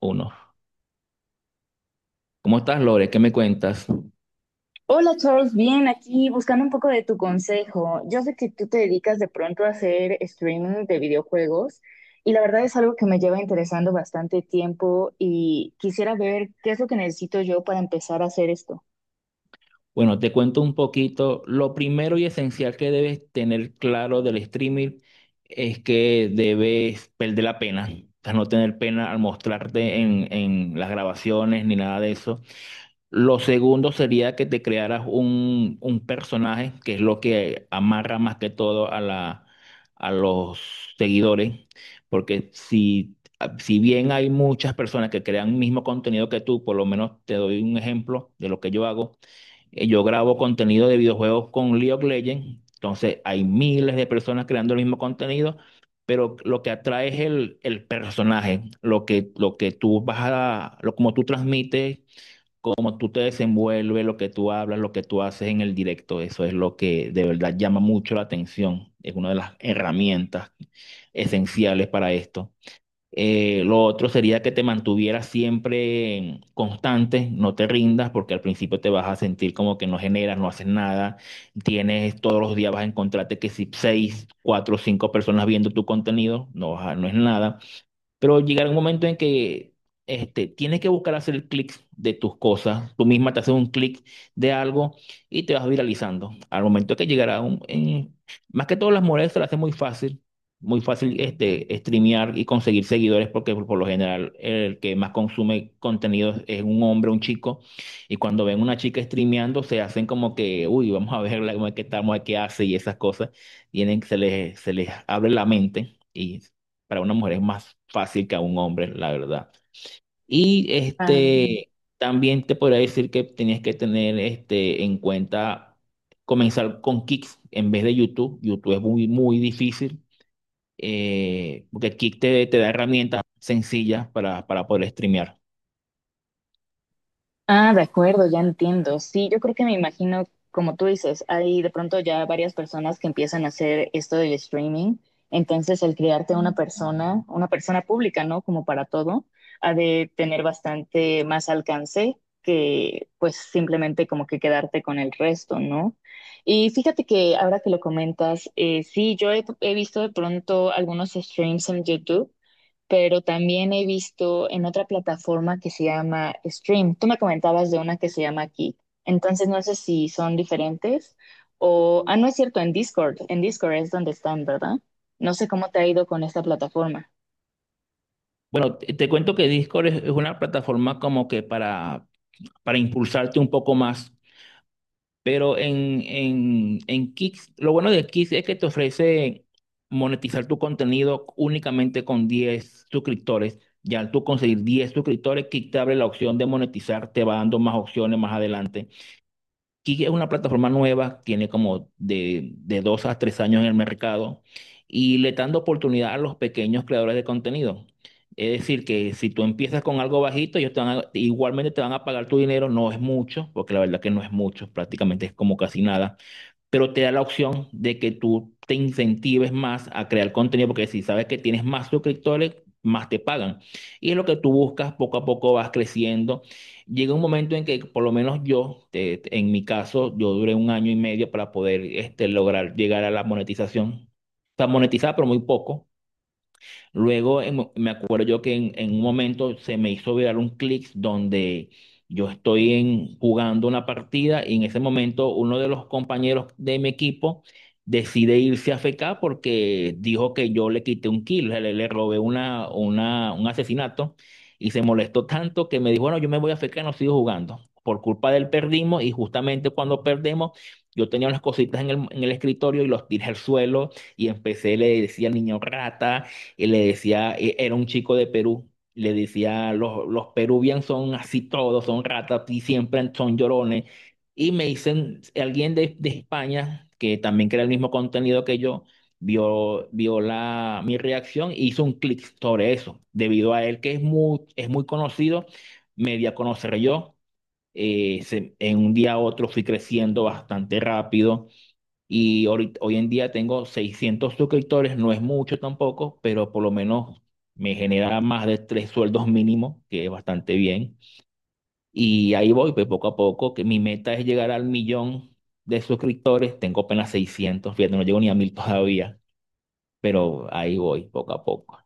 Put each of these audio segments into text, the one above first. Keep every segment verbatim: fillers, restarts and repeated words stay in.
Uno. ¿Cómo estás, Lore? ¿Qué me cuentas? Hola Charles, bien, aquí buscando un poco de tu consejo. Yo sé que tú te dedicas de pronto a hacer streaming de videojuegos y la verdad es algo que me lleva interesando bastante tiempo y quisiera ver qué es lo que necesito yo para empezar a hacer esto. Bueno, te cuento un poquito. Lo primero y esencial que debes tener claro del streaming es que debes perder la pena. O sea, no tener pena al mostrarte en, en las grabaciones ni nada de eso. Lo segundo sería que te crearas un, un personaje, que es lo que amarra más que todo a la, a los seguidores, porque si, si bien hay muchas personas que crean el mismo contenido que tú, por lo menos te doy un ejemplo de lo que yo hago. Eh, Yo grabo contenido de videojuegos con League of Legends, entonces hay miles de personas creando el mismo contenido, pero lo que atrae es el, el personaje, lo que, lo que tú vas a, lo, como tú transmites, cómo tú te desenvuelves, lo que tú hablas, lo que tú haces en el directo. Eso es lo que de verdad llama mucho la atención. Es una de las herramientas esenciales para esto. Eh, lo otro sería que te mantuvieras siempre constante, no te rindas, porque al principio te vas a sentir como que no generas, no haces nada. Tienes, todos los días vas a encontrarte que si seis, cuatro, cinco personas viendo tu contenido, no, vas a- no es nada. Pero llegará un momento en que este, tienes que buscar hacer el clic de tus cosas. Tú misma te haces un clic de algo y te vas viralizando. Al momento que llegará un... en- más que todo las mujeres se las hace muy fácil, muy fácil, este, streamear y conseguir seguidores, porque por, por lo general el que más consume contenido es un hombre, un chico. Y cuando ven una chica streameando se hacen como que, uy, vamos a verla, cómo es que estamos, qué hace y esas cosas. Tienen, se les, se les abre la mente. Y para una mujer es más fácil que a un hombre, la verdad. Y Ah. este, también te podría decir que tenías que tener este, en cuenta comenzar con Kicks en vez de YouTube. YouTube es muy, muy difícil, eh, porque Kick te, te da herramientas sencillas para, para poder streamear. Ah, de acuerdo, ya entiendo. Sí, yo creo que me imagino, como tú dices, hay de pronto ya varias personas que empiezan a hacer esto del streaming. Entonces, el crearte una persona, una persona pública, ¿no? Como para todo, ha de tener bastante más alcance que pues simplemente como que quedarte con el resto, ¿no? Y fíjate que ahora que lo comentas, eh, sí, yo he, he visto de pronto algunos streams en YouTube pero también he visto en otra plataforma que se llama Stream. Tú me comentabas de una que se llama Kick. Entonces no sé si son diferentes o, ah, no es cierto, en Discord. En Discord es donde están, ¿verdad? No sé cómo te ha ido con esta plataforma. Bueno, te, te cuento que Discord es, es una plataforma como que para, para impulsarte un poco más. Pero en, en, en Kick, lo bueno de Kick es que te ofrece monetizar tu contenido únicamente con diez suscriptores. Ya al tú conseguir diez suscriptores, Kick te abre la opción de monetizar, te va dando más opciones más adelante. Kik es una plataforma nueva, tiene como de, de dos a tres años en el mercado y le están dando oportunidad a los pequeños creadores de contenido. Es decir, que si tú empiezas con algo bajito, ellos te van a- igualmente te van a pagar tu dinero, no es mucho, porque la verdad que no es mucho, prácticamente es como casi nada. Pero te da la opción de que tú te incentives más a crear contenido, porque si sabes que tienes más suscriptores, más te pagan. Y es lo que tú buscas, poco a poco vas creciendo. Llega un momento en que, por lo menos yo, te- en mi caso, yo duré un año y medio para poder, este, lograr llegar a la monetización. O sea, monetizar, pero muy poco. Luego, en mo- me acuerdo yo que en, en un momento se me hizo viral un clic donde yo estoy en- jugando una partida y en ese momento uno de los compañeros de mi equipo decide irse a fecar porque dijo que yo le quité un kill, le, le robé una, una, un asesinato, y se molestó tanto que me dijo, bueno, yo me voy a fecar, no sigo jugando. Por culpa de él perdimos y justamente cuando perdemos yo tenía unas cositas en el, en el escritorio y los tiré al suelo y empecé, le decía niño rata y le decía, e- era un chico de Perú. Le decía, los, los peruvianos son así todos, son ratas y siempre son llorones. Y me dicen, alguien de, de España, que también crea el mismo contenido que yo, vio, vio la, mi reacción e hizo un clic sobre eso. Debido a él, que es muy, es muy conocido, me di a conocer yo. Eh, se- en un día a otro fui creciendo bastante rápido y ahorit- hoy en día tengo seiscientos suscriptores, no es mucho tampoco, pero por lo menos me genera más de tres sueldos mínimos, que es bastante bien. Y ahí voy, pues poco a poco, que mi meta es llegar al millón de suscriptores. Tengo apenas seiscientos, fíjate, no llego ni a mil todavía, pero ahí voy, poco a poco.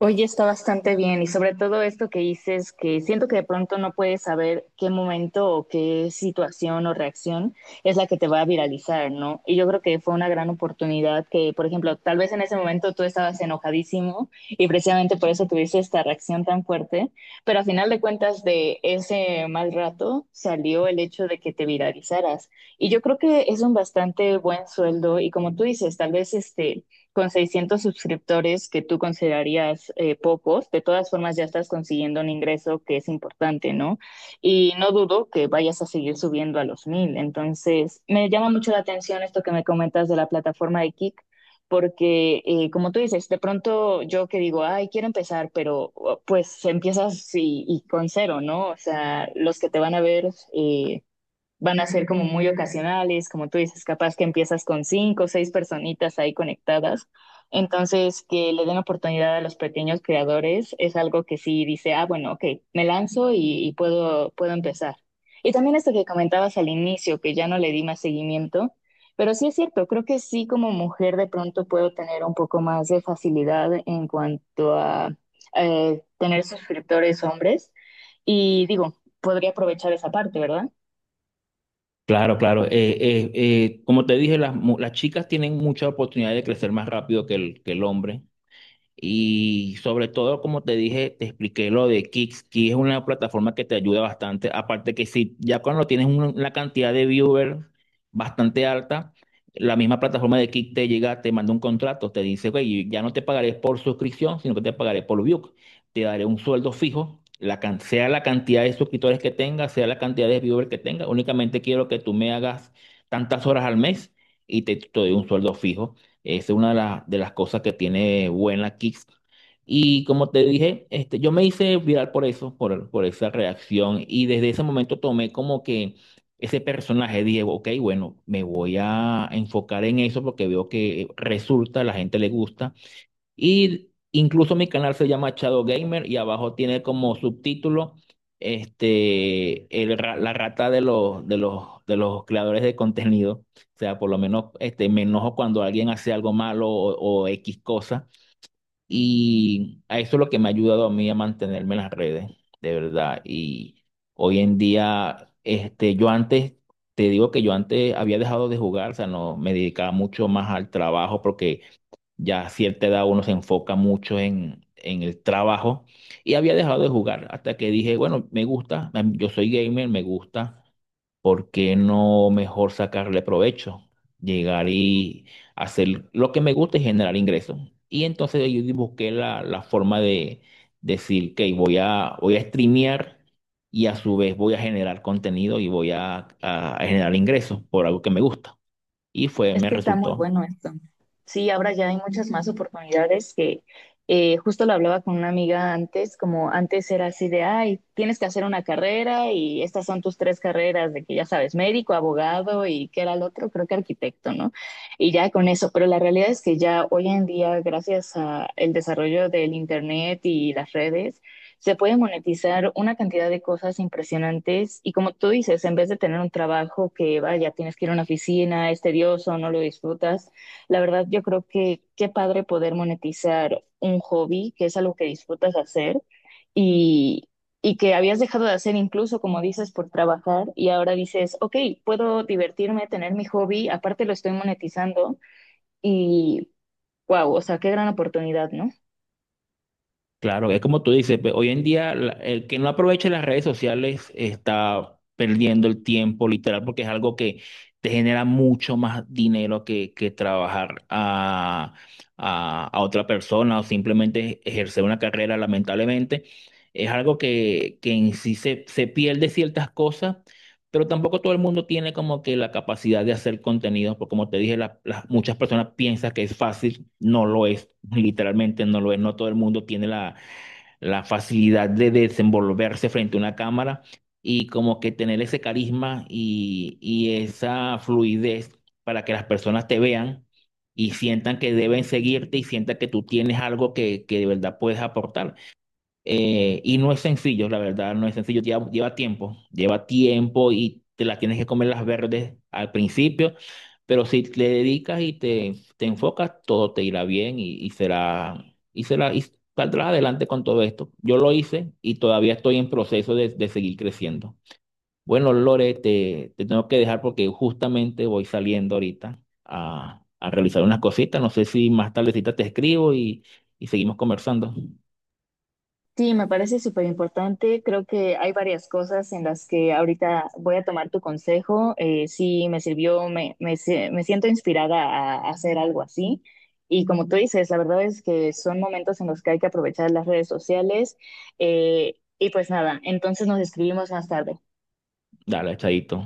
Oye, está bastante bien y sobre todo esto que dices, que siento que de pronto no puedes saber qué momento o qué situación o reacción es la que te va a viralizar, ¿no? Y yo creo que fue una gran oportunidad que, por ejemplo, tal vez en ese momento tú estabas enojadísimo y precisamente por eso tuviste esta reacción tan fuerte, pero a final de cuentas de ese mal rato salió el hecho de que te viralizaras. Y yo creo que es un bastante buen sueldo y como tú dices, tal vez este con seiscientos suscriptores que tú considerarías eh, pocos, de todas formas ya estás consiguiendo un ingreso que es importante, ¿no? Y no dudo que vayas a seguir subiendo a los mil. Entonces, me llama mucho la atención esto que me comentas de la plataforma de Kik, porque eh, como tú dices, de pronto yo que digo, ay, quiero empezar, pero oh, pues empiezas y, y con cero, ¿no? O sea, los que te van a ver eh, van a ser como muy ocasionales, como tú dices, capaz que empiezas con cinco o seis personitas ahí conectadas. Entonces, que le den oportunidad a los pequeños creadores es algo que sí dice, ah, bueno, ok, me lanzo y, y puedo, puedo empezar. Y también esto que comentabas al inicio, que ya no le di más seguimiento, pero sí es cierto, creo que sí como mujer de pronto puedo tener un poco más de facilidad en cuanto a eh, tener suscriptores hombres. Y digo, podría aprovechar esa parte, ¿verdad? Claro, claro. eh, eh, eh, como te dije, las, mu- las chicas tienen mucha oportunidad de crecer más rápido que el, que el hombre. Y sobre todo, como te dije, te expliqué lo de Kicks. Kicks es una plataforma que te ayuda bastante. Aparte que si ya cuando tienes un- una cantidad de viewers bastante alta, la misma plataforma de Kicks te llega, te manda un contrato, te dice, güey, ya no te pagaré por suscripción, sino que te pagaré por view. Te daré un sueldo fijo, la can- sea la cantidad de suscriptores que tengas, sea la cantidad de viewers que tengas. Únicamente quiero que tú me hagas tantas horas al mes y te, te doy un sueldo fijo. Es una de, las de las cosas que tiene buena Kicks. Y como te dije, este, yo me hice viral por eso, por, por esa reacción. Y desde ese momento tomé como que ese personaje, dije, ok, bueno, me voy a enfocar en eso porque veo que resulta, a la gente le gusta. Y incluso mi canal se llama Shadow Gamer y abajo tiene como subtítulo, este, el ra- la rata de los, de los, de los creadores de contenido. O sea, por lo menos, este, me enojo cuando alguien hace algo malo o, o X cosa. Y a eso es lo que me ha ayudado a mí a mantenerme en las redes, de verdad. Y hoy en día, este, yo antes, te digo que yo antes había dejado de jugar, o sea, no, me dedicaba mucho más al trabajo porque ya a cierta edad uno se enfoca mucho en, en el trabajo y había dejado de jugar hasta que dije, bueno, me gusta, em, yo soy gamer, me gusta, ¿por qué no mejor sacarle provecho? Llegar y hacer lo que me gusta y generar ingresos. Y entonces yo busqué la, la forma de decir que voy a, voy a, streamear y a su vez voy a generar contenido y voy a, a a generar ingresos por algo que me gusta. Y fue, Es Me que está muy resultó. bueno esto. Sí, ahora ya hay muchas más oportunidades que eh, justo lo hablaba con una amiga antes, como antes era así de, ay, tienes que hacer una carrera y estas son tus tres carreras, de que ya sabes, médico, abogado y qué era el otro, creo que arquitecto, ¿no? Y ya con eso, pero la realidad es que ya hoy en día, gracias al desarrollo del Internet y las redes, se puede monetizar una cantidad de cosas impresionantes y como tú dices, en vez de tener un trabajo que vaya, tienes que ir a una oficina, es tedioso, no lo disfrutas, la verdad yo creo que qué padre poder monetizar un hobby, que es algo que disfrutas hacer y, y que habías dejado de hacer incluso, como dices, por trabajar y ahora dices, ok, puedo divertirme, tener mi hobby, aparte lo estoy monetizando y wow, o sea, qué gran oportunidad, ¿no? Claro, es como tú dices, pe- hoy en día, la- el que no aproveche las redes sociales está perdiendo el tiempo, literal, porque es algo que te genera mucho más dinero que, que trabajar a, a- a otra persona o simplemente ejercer una carrera, lamentablemente. Es algo que, que en sí, se, se pierde ciertas cosas, pero tampoco todo el mundo tiene como que la capacidad de hacer contenidos, porque como te dije, la- las- muchas personas piensan que es fácil. No lo es, literalmente no lo es, no todo el mundo tiene la la facilidad de desenvolverse frente a una cámara y como que tener ese carisma y, y esa fluidez para que las personas te vean y sientan que deben seguirte y sientan que tú tienes algo que, que de verdad puedes aportar. Eh, y no es sencillo, la verdad, no es sencillo, lleva, lleva tiempo, lleva tiempo y te las tienes que comer las verdes al principio, pero si le dedicas y te, te enfocas, todo te irá bien y, y será, y será, y saldrás adelante con todo esto. Yo lo hice y todavía estoy en proceso de, de seguir creciendo. Bueno, Lore, te, te tengo que dejar porque justamente voy saliendo ahorita a, a realizar unas cositas. No sé si más tardecita te escribo y, y seguimos conversando. Sí, me parece súper importante. Creo que hay varias cosas en las que ahorita voy a tomar tu consejo. Eh, sí, me sirvió, me, me, sie- me siento inspirada a hacer algo así. Y como tú dices, la verdad es que son momentos en los que hay que aprovechar las redes sociales. Eh, y pues nada, entonces nos escribimos más tarde. Dale, chaito.